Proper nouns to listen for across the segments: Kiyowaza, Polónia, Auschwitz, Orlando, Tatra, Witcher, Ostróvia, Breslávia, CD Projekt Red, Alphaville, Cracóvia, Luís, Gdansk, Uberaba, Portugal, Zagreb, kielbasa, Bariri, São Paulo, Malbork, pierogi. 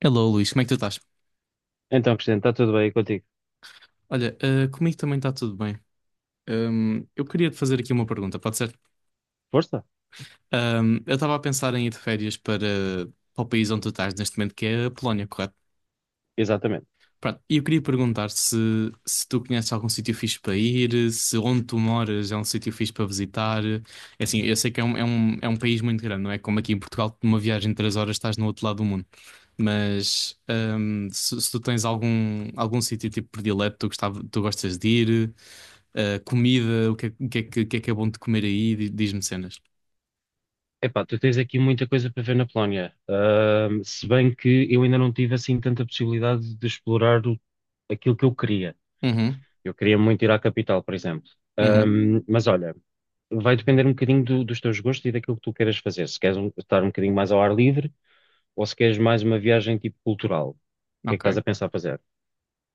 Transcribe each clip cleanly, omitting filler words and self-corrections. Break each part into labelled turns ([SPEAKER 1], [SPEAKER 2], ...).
[SPEAKER 1] Hello, Luís, como é que tu estás?
[SPEAKER 2] Então, presidente, está tudo bem contigo?
[SPEAKER 1] Olha, comigo também está tudo bem. Eu queria te fazer aqui uma pergunta, pode ser?
[SPEAKER 2] Força?
[SPEAKER 1] Eu estava a pensar em ir de férias para o país onde tu estás neste momento, que é a Polónia, correto?
[SPEAKER 2] Exatamente.
[SPEAKER 1] Pronto, e eu queria perguntar se tu conheces algum sítio fixe para ir, se onde tu moras é um sítio fixe para visitar. É assim, eu sei que é um país muito grande, não é? Como aqui em Portugal, que numa viagem de três horas estás no outro lado do mundo. Mas se tu tens algum sítio tipo predileto, tu gostas de ir. Comida, o que é bom de comer aí? Diz-me cenas.
[SPEAKER 2] Epá, tu tens aqui muita coisa para ver na Polónia. Se bem que eu ainda não tive assim tanta possibilidade de aquilo que eu queria.
[SPEAKER 1] Uhum,
[SPEAKER 2] Eu queria muito ir à capital, por exemplo.
[SPEAKER 1] uhum,
[SPEAKER 2] Mas olha, vai depender um bocadinho dos teus gostos e daquilo que tu queiras fazer. Se queres estar um bocadinho mais ao ar livre ou se queres mais uma viagem tipo cultural. O que é que estás
[SPEAKER 1] ok.
[SPEAKER 2] a pensar fazer?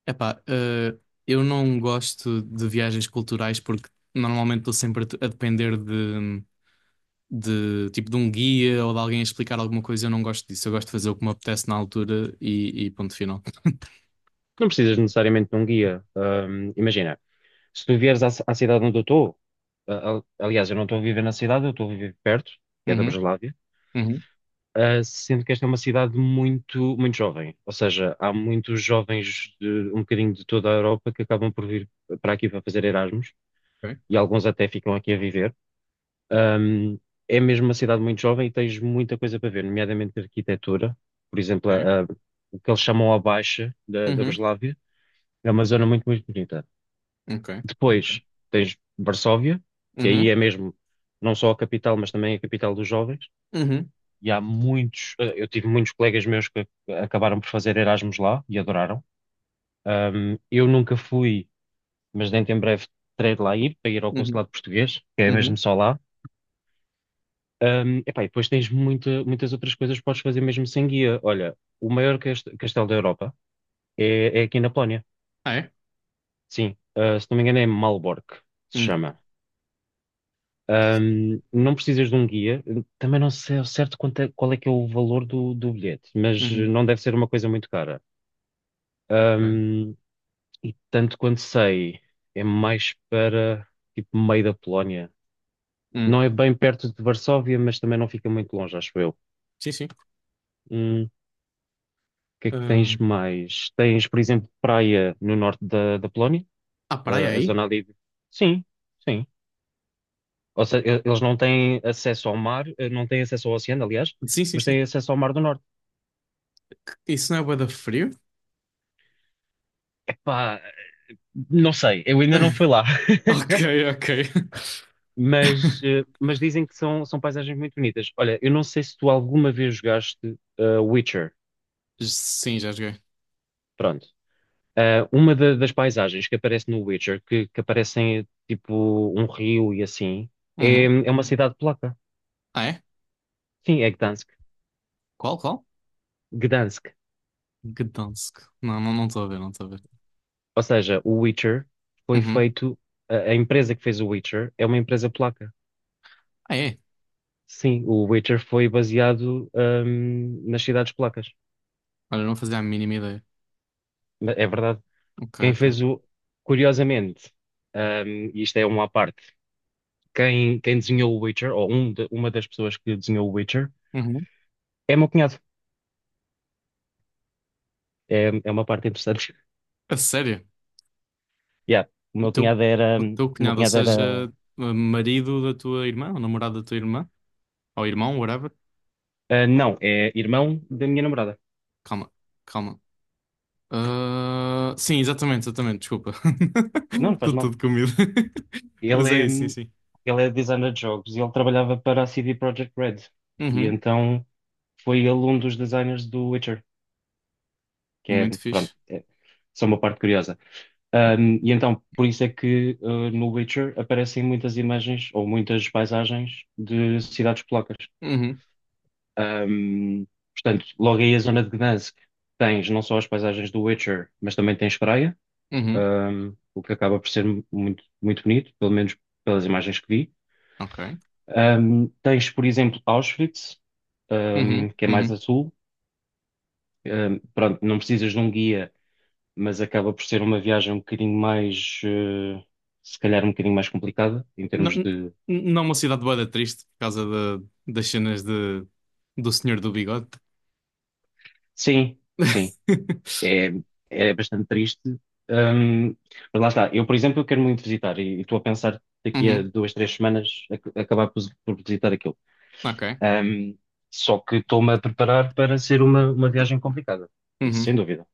[SPEAKER 1] Epá, eu não gosto de viagens culturais porque normalmente estou sempre a depender de um guia ou de alguém a explicar alguma coisa. Eu não gosto disso. Eu gosto de fazer o que me apetece na altura e ponto final.
[SPEAKER 2] Não precisas necessariamente de um guia. Imagina. Se tu vieres à cidade onde eu estou, aliás, eu não estou a viver na cidade, eu estou a viver perto, que é da
[SPEAKER 1] Uhum,
[SPEAKER 2] Breslávia,
[SPEAKER 1] uhum,
[SPEAKER 2] ah, sendo que esta é uma cidade muito, muito jovem. Ou seja, há muitos jovens de um bocadinho de toda a Europa que acabam por vir para aqui para fazer Erasmus,
[SPEAKER 1] ok,
[SPEAKER 2] e alguns até ficam aqui a viver. Ahm, é mesmo uma cidade muito jovem e tens muita coisa para ver, nomeadamente arquitetura. Por exemplo,
[SPEAKER 1] ok.
[SPEAKER 2] o que eles chamam a Baixa da
[SPEAKER 1] Uhum,
[SPEAKER 2] Breslávia é uma zona muito, muito bonita.
[SPEAKER 1] ok, ok.
[SPEAKER 2] Depois tens Varsóvia, que aí
[SPEAKER 1] Uhum,
[SPEAKER 2] é mesmo não só a capital, mas também a capital dos jovens.
[SPEAKER 1] uhum,
[SPEAKER 2] E há muitos, eu tive muitos colegas meus que acabaram por fazer Erasmus lá e adoraram. Eu nunca fui, mas dentro em breve terei de lá ir, para ir ao
[SPEAKER 1] uhum,
[SPEAKER 2] consulado português, que é mesmo
[SPEAKER 1] uhum.
[SPEAKER 2] só lá. Epá, e depois tens muitas outras coisas que podes fazer mesmo sem guia. Olha, o maior castelo da Europa é aqui na Polónia.
[SPEAKER 1] Ah, é?
[SPEAKER 2] Sim, ah, se não me engano é Malbork, se
[SPEAKER 1] Hum,
[SPEAKER 2] chama. Não precisas de um guia. Também não sei ao certo qual é que é o valor do bilhete, mas
[SPEAKER 1] uhum,
[SPEAKER 2] não deve ser uma coisa muito cara.
[SPEAKER 1] ok.
[SPEAKER 2] Ahm, e tanto quanto sei, é mais para tipo meio da Polónia.
[SPEAKER 1] Hum,
[SPEAKER 2] Não é bem perto de Varsóvia, mas também não fica muito longe, acho eu.
[SPEAKER 1] sim, sim.
[SPEAKER 2] O que é que
[SPEAKER 1] Ah,
[SPEAKER 2] tens mais? Tens, por exemplo, praia no norte da Polónia.
[SPEAKER 1] há praia
[SPEAKER 2] Ah, a
[SPEAKER 1] aí?
[SPEAKER 2] zona ali. Sim, sim. Ou seja, eles não têm acesso ao mar, eh, não têm acesso ao oceano, aliás,
[SPEAKER 1] Sim, sim,
[SPEAKER 2] mas
[SPEAKER 1] sim.
[SPEAKER 2] têm acesso ao mar do norte.
[SPEAKER 1] Isso não é bué da frio?
[SPEAKER 2] Epá, não sei, eu ainda não fui lá,
[SPEAKER 1] Ok, ok.
[SPEAKER 2] mas, mas dizem que são paisagens muito bonitas. Olha, eu não sei se tu alguma vez jogaste Witcher.
[SPEAKER 1] Sim, já joguei.
[SPEAKER 2] Pronto. Ah, uma das paisagens que aparece no Witcher, que aparecem tipo um rio e assim,
[SPEAKER 1] Uhum.
[SPEAKER 2] é uma cidade polaca.
[SPEAKER 1] Ah, é?
[SPEAKER 2] Sim, é Gdansk.
[SPEAKER 1] Qual, qual?
[SPEAKER 2] Gdansk.
[SPEAKER 1] Gdansk. Não, não, não estou a ver, não estou a ver.
[SPEAKER 2] Ou seja, o Witcher foi
[SPEAKER 1] Uhum.
[SPEAKER 2] feito, a empresa que fez o Witcher é uma empresa polaca.
[SPEAKER 1] Ah, é?
[SPEAKER 2] Sim, o Witcher foi baseado, nas cidades polacas.
[SPEAKER 1] Olha, não fazia a mínima ideia.
[SPEAKER 2] É verdade.
[SPEAKER 1] Ok,
[SPEAKER 2] Quem fez
[SPEAKER 1] ok.
[SPEAKER 2] o. Curiosamente, e isto é uma à parte, quem desenhou o Witcher, ou um uma das pessoas que desenhou o Witcher,
[SPEAKER 1] Uhum.
[SPEAKER 2] é o meu cunhado. É uma parte interessante.
[SPEAKER 1] A sério?
[SPEAKER 2] Yeah, o
[SPEAKER 1] O
[SPEAKER 2] meu
[SPEAKER 1] teu,
[SPEAKER 2] cunhado era.
[SPEAKER 1] o teu
[SPEAKER 2] O meu
[SPEAKER 1] cunhado, ou
[SPEAKER 2] cunhado
[SPEAKER 1] seja,
[SPEAKER 2] era.
[SPEAKER 1] marido da tua irmã, ou namorado da tua irmã, ou irmão, whatever.
[SPEAKER 2] Ah, não, é irmão da minha namorada.
[SPEAKER 1] Calma, calma. Ah, sim, exatamente, exatamente, desculpa.
[SPEAKER 2] Não, não faz
[SPEAKER 1] Estou
[SPEAKER 2] mal.
[SPEAKER 1] todo comido. Mas é
[SPEAKER 2] Ele é,
[SPEAKER 1] isso, sim, sim.
[SPEAKER 2] ele é designer de jogos e ele trabalhava para a CD Projekt Red. E
[SPEAKER 1] Uhum.
[SPEAKER 2] então foi ele um dos designers do Witcher, que
[SPEAKER 1] Muito
[SPEAKER 2] é,
[SPEAKER 1] fixe.
[SPEAKER 2] pronto, é só uma parte curiosa. Um, e então, por isso é que no Witcher aparecem muitas imagens ou muitas paisagens de cidades polacas.
[SPEAKER 1] Uhum.
[SPEAKER 2] Um, portanto, logo aí a zona de Gdansk tens não só as paisagens do Witcher, mas também tens praia,
[SPEAKER 1] Uhum.
[SPEAKER 2] um, o que acaba por ser muito, muito bonito, pelo menos pelas imagens que vi.
[SPEAKER 1] Ok.
[SPEAKER 2] Um, tens, por exemplo, Auschwitz,
[SPEAKER 1] Uhum,
[SPEAKER 2] um, que é mais a
[SPEAKER 1] uhum.
[SPEAKER 2] sul. Um, pronto, não precisas de um guia, mas acaba por ser uma viagem um bocadinho mais, eh, se calhar um bocadinho mais complicada, em
[SPEAKER 1] Não,
[SPEAKER 2] termos de.
[SPEAKER 1] não, uma cidade bué da triste por causa das cenas do Senhor do Bigode.
[SPEAKER 2] Sim, sim, é, é bastante triste. Ahm, mas lá está, eu, por exemplo, eu quero muito visitar e estou a pensar daqui a
[SPEAKER 1] Uhum,
[SPEAKER 2] duas, três semanas acabar por visitar aquilo.
[SPEAKER 1] ok.
[SPEAKER 2] Ahm, só que estou-me a preparar para ser uma viagem complicada, isso
[SPEAKER 1] Uhum,
[SPEAKER 2] sem dúvida.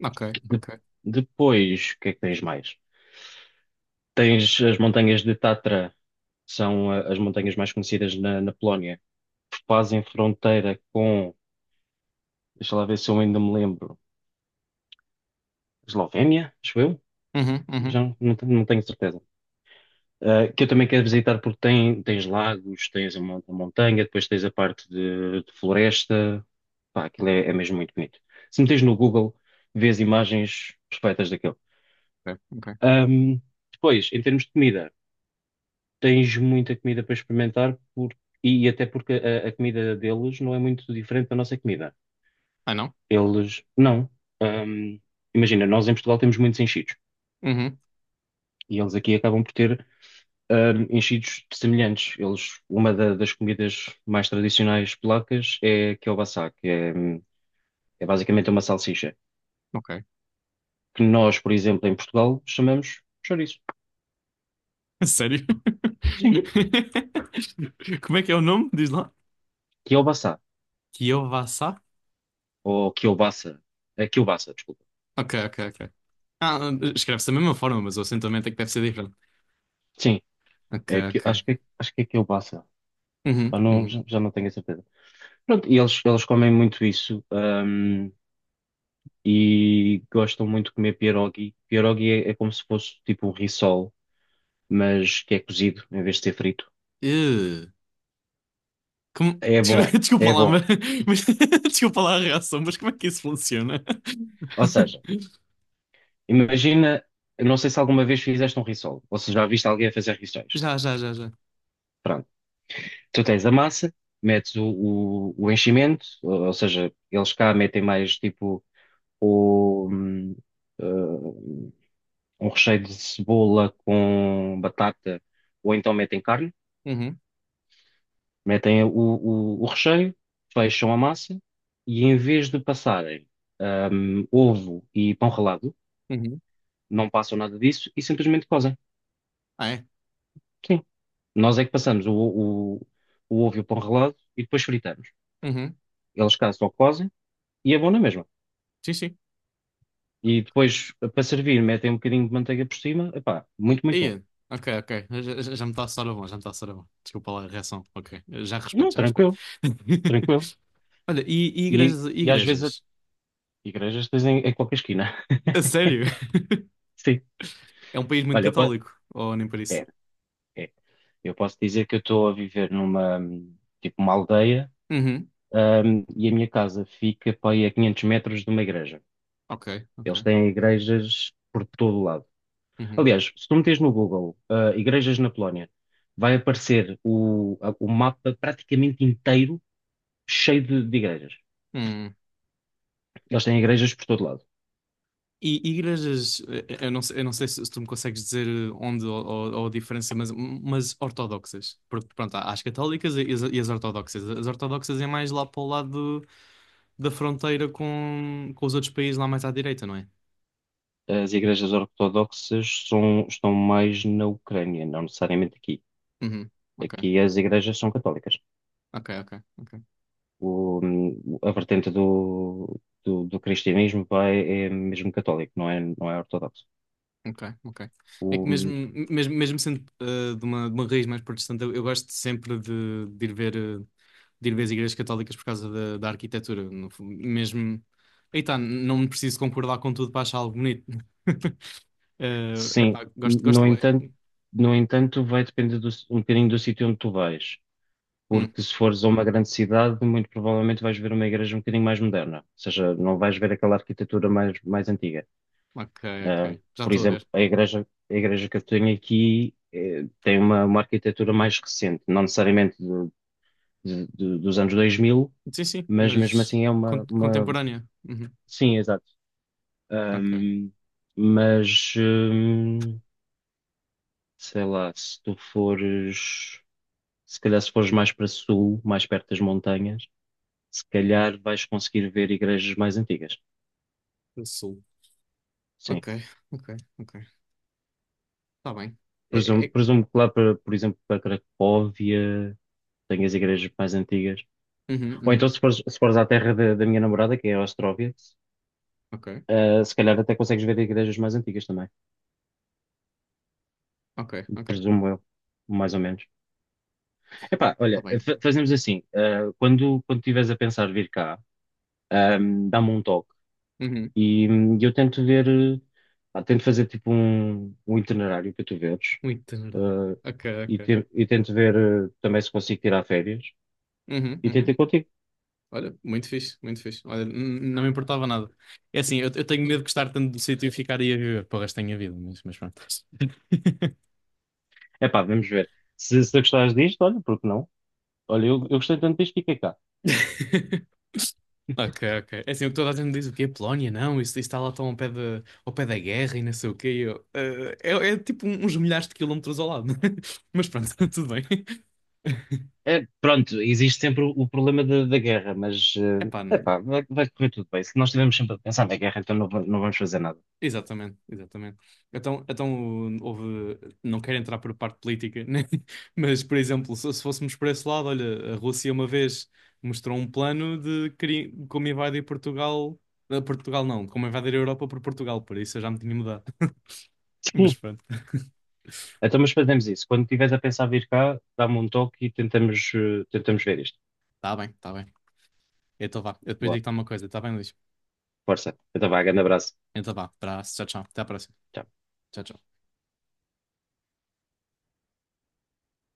[SPEAKER 1] ok,
[SPEAKER 2] De-
[SPEAKER 1] ok.
[SPEAKER 2] Depois, o que é que tens mais? Tens as montanhas de Tatra, que são ah, as montanhas mais conhecidas na na Polónia, fazem fronteira com, deixa lá ver se eu ainda me lembro, Eslovénia, acho eu,
[SPEAKER 1] Uhum,
[SPEAKER 2] já
[SPEAKER 1] uhum,
[SPEAKER 2] não tenho certeza. Ah, que eu também quero visitar porque tem, tens lagos, tens a a montanha, depois tens a parte de floresta, pá, aquilo é mesmo muito bonito. Se metes no Google, vês imagens perfeitas daquilo.
[SPEAKER 1] ok, ok.
[SPEAKER 2] Ahm, depois, em termos de comida, tens muita comida para e até porque a comida deles não é muito diferente da nossa comida.
[SPEAKER 1] Ah, não?
[SPEAKER 2] Eles não. Ahm, imagina, nós em Portugal temos muitos enchidos,
[SPEAKER 1] Uhum,
[SPEAKER 2] e eles aqui acabam por ter enchidos semelhantes. Eles, uma das comidas mais tradicionais polacas é kielbasa, que é, é basicamente uma salsicha,
[SPEAKER 1] ok.
[SPEAKER 2] que nós, por exemplo, em Portugal chamamos chouriço.
[SPEAKER 1] Sério?
[SPEAKER 2] Sim,
[SPEAKER 1] Como é que é o nome? Diz lá.
[SPEAKER 2] kielbasa
[SPEAKER 1] Kiyowaza?
[SPEAKER 2] ou kielbasa. É kielbasa, desculpa.
[SPEAKER 1] Ok, ok, ok. Ah, escreve-se da mesma forma, mas o acentuamento é que deve ser diferente.
[SPEAKER 2] Sim,
[SPEAKER 1] Ok,
[SPEAKER 2] que
[SPEAKER 1] ok.
[SPEAKER 2] acho acho que é kielbasa.
[SPEAKER 1] Uhum,
[SPEAKER 2] Ah, não,
[SPEAKER 1] uhum.
[SPEAKER 2] já não tenho a certeza. Pronto, e eles comem muito isso. E gostam muito de comer pierogi. Pierogi é como se fosse tipo um rissol, mas que é cozido em vez de ser frito.
[SPEAKER 1] Ih. Como?
[SPEAKER 2] É bom,
[SPEAKER 1] Desculpa
[SPEAKER 2] é
[SPEAKER 1] lá,
[SPEAKER 2] bom.
[SPEAKER 1] mas... Mas... Desculpa lá a reação, mas como é que isso funciona?
[SPEAKER 2] Ou seja, imagina, eu não sei se alguma vez fizeste um rissol, ou se já viste alguém a fazer rissóis.
[SPEAKER 1] Já, já, já, já.
[SPEAKER 2] Pronto. Tu tens a massa, metes o enchimento, ou seja, eles cá metem mais tipo o, eh, um recheio de cebola com batata, ou então metem carne.
[SPEAKER 1] Uhum,
[SPEAKER 2] Metem o recheio, fecham a massa, e em vez de passarem ovo e pão ralado,
[SPEAKER 1] uhum.
[SPEAKER 2] não passam nada disso e simplesmente cozem.
[SPEAKER 1] Ah, é?
[SPEAKER 2] Sim. Nós é que passamos o ovo e o pão ralado e depois fritamos.
[SPEAKER 1] Uhum.
[SPEAKER 2] Eles cá só cozem e é bom na mesma.
[SPEAKER 1] Sim, sim.
[SPEAKER 2] E depois, para servir, metem um bocadinho de manteiga por cima. Epá, muito, muito bom.
[SPEAKER 1] Ia. Ok, ok. Já me está a soar a bom, já me está a soar a bom. Desculpa lá a reação. Ok. Já respeito,
[SPEAKER 2] Não,
[SPEAKER 1] já respeito.
[SPEAKER 2] tranquilo, tranquilo.
[SPEAKER 1] Olha, e
[SPEAKER 2] E,
[SPEAKER 1] igrejas, e
[SPEAKER 2] e às vezes,
[SPEAKER 1] igrejas?
[SPEAKER 2] igrejas tens em qualquer esquina.
[SPEAKER 1] A sério?
[SPEAKER 2] Sim.
[SPEAKER 1] É um país muito
[SPEAKER 2] Olha, pá,
[SPEAKER 1] católico, ou nem por isso?
[SPEAKER 2] é, é. Eu posso dizer que eu estou a viver numa, tipo, uma aldeia,
[SPEAKER 1] Uhum.
[SPEAKER 2] e a minha casa fica para aí a 500 metros de uma igreja.
[SPEAKER 1] Ok,
[SPEAKER 2] Eles
[SPEAKER 1] ok.
[SPEAKER 2] têm igrejas por todo o lado.
[SPEAKER 1] Uhum.
[SPEAKER 2] Aliás, se tu meteres no Google, ah, igrejas na Polónia, vai aparecer o mapa praticamente inteiro cheio de igrejas.
[SPEAKER 1] Hum.
[SPEAKER 2] Eles têm igrejas por todo lado.
[SPEAKER 1] E igrejas, eu não sei se tu me consegues dizer onde ou a diferença, mas ortodoxas. Porque, pronto, há as católicas e as ortodoxas. As ortodoxas é mais lá para o lado da fronteira com os outros países lá mais à direita, não é?
[SPEAKER 2] As igrejas ortodoxas estão mais na Ucrânia, não necessariamente aqui.
[SPEAKER 1] Uhum. Ok,
[SPEAKER 2] Aqui as igrejas são católicas.
[SPEAKER 1] ok, ok, ok.
[SPEAKER 2] O, a vertente do cristianismo é mesmo católico, não é ortodoxo.
[SPEAKER 1] Ok, ok. É que
[SPEAKER 2] O,
[SPEAKER 1] mesmo sendo de uma raiz mais protestante, eu gosto sempre de ir ver, de ir ver as igrejas católicas por causa da arquitetura. No fu- Mesmo. Aí tá, não preciso concordar com tudo para achar algo bonito.
[SPEAKER 2] sim,
[SPEAKER 1] Epá, gosto, gosto
[SPEAKER 2] no entanto,
[SPEAKER 1] bem.
[SPEAKER 2] no entanto, vai depender um bocadinho do sítio onde tu vais.
[SPEAKER 1] Hum,
[SPEAKER 2] Porque se fores a uma grande cidade, muito provavelmente vais ver uma igreja um bocadinho mais moderna. Ou seja, não vais ver aquela arquitetura mais, mais antiga.
[SPEAKER 1] ok,
[SPEAKER 2] Ah,
[SPEAKER 1] ok. Já
[SPEAKER 2] por
[SPEAKER 1] estou a
[SPEAKER 2] exemplo,
[SPEAKER 1] ver.
[SPEAKER 2] a igreja que eu tenho aqui eh, tem uma arquitetura mais recente, não necessariamente dos anos dois mil,
[SPEAKER 1] Sim, sim,
[SPEAKER 2] mas mesmo
[SPEAKER 1] mas
[SPEAKER 2] assim é uma...
[SPEAKER 1] contemporânea. Uhum,
[SPEAKER 2] Sim, exato.
[SPEAKER 1] ok.
[SPEAKER 2] Ahm, mas, sei lá, se calhar se fores mais para sul, mais perto das montanhas, se calhar vais conseguir ver igrejas mais antigas.
[SPEAKER 1] Do Sul.
[SPEAKER 2] Sim.
[SPEAKER 1] Ok, ok, ok. Está bem. É,
[SPEAKER 2] Presumo,
[SPEAKER 1] é...
[SPEAKER 2] presumo que lá, para, por exemplo, para Cracóvia, tenhas igrejas mais antigas.
[SPEAKER 1] Uhum,
[SPEAKER 2] Ou então
[SPEAKER 1] uhum.
[SPEAKER 2] se fores à terra da minha namorada, que é a Ostróvia,
[SPEAKER 1] Ok,
[SPEAKER 2] eh, se calhar até consegues ver igrejas mais antigas também.
[SPEAKER 1] ok, ok.
[SPEAKER 2] Presumo eu, mais ou menos. Epá,
[SPEAKER 1] Está
[SPEAKER 2] olha,
[SPEAKER 1] bem.
[SPEAKER 2] fazemos assim, ah, quando estiveres a pensar vir cá, ah, dá-me um toque
[SPEAKER 1] Uhum.
[SPEAKER 2] e eu tento ver, ah, tento fazer tipo um, um itinerário para tu veres,
[SPEAKER 1] Muito tenurada.
[SPEAKER 2] ah,
[SPEAKER 1] Ok, ok.
[SPEAKER 2] e tento ver ah, também se consigo tirar férias,
[SPEAKER 1] Uhum,
[SPEAKER 2] e tento
[SPEAKER 1] uhum.
[SPEAKER 2] ir contigo.
[SPEAKER 1] Olha, muito fixe, muito fixe. Olha, não me importava nada. É assim, eu tenho medo de gostar tanto do sítio e ficar aí a viver para o resto da minha vida, mas pronto.
[SPEAKER 2] Epá, vamos ver. Se gostares disto, olha, porque não? Olha, eu gostei tanto disto, fiquei cá.
[SPEAKER 1] Ok, ok. É assim, o que toda a gente diz o quê? Polónia, não, isso está lá tão ao pé, ao pé da guerra e não sei o quê. E eu, é tipo uns milhares de quilómetros ao lado. Mas pronto, tudo bem.
[SPEAKER 2] É, pronto, existe sempre o problema da guerra, mas,
[SPEAKER 1] Epá,
[SPEAKER 2] ah, epá, vai correr tudo bem. Se nós estivermos sempre a pensar na guerra, então não, não vamos fazer nada.
[SPEAKER 1] exatamente, exatamente. Então, então não quero entrar por parte política, né? Mas, por exemplo, se fôssemos por esse lado, olha, a Rússia uma vez mostrou um plano como invadir Portugal, Portugal não, de como invadir a Europa por Portugal, por isso eu já me tinha mudado. Mas pronto,
[SPEAKER 2] Então, mas fazemos isso. Quando estiveres a pensar vir cá, dá-me um toque e tentamos, eh, tentamos ver isto.
[SPEAKER 1] está bem, tá bem. Então vá, eu depois
[SPEAKER 2] Boa,
[SPEAKER 1] digo-te uma coisa, tá bem, Luís?
[SPEAKER 2] força. Então, vá, grande abraço.
[SPEAKER 1] Então vá, abraço, tchau, tchau, até à próxima.
[SPEAKER 2] Tchau.
[SPEAKER 1] Tchau, tchau.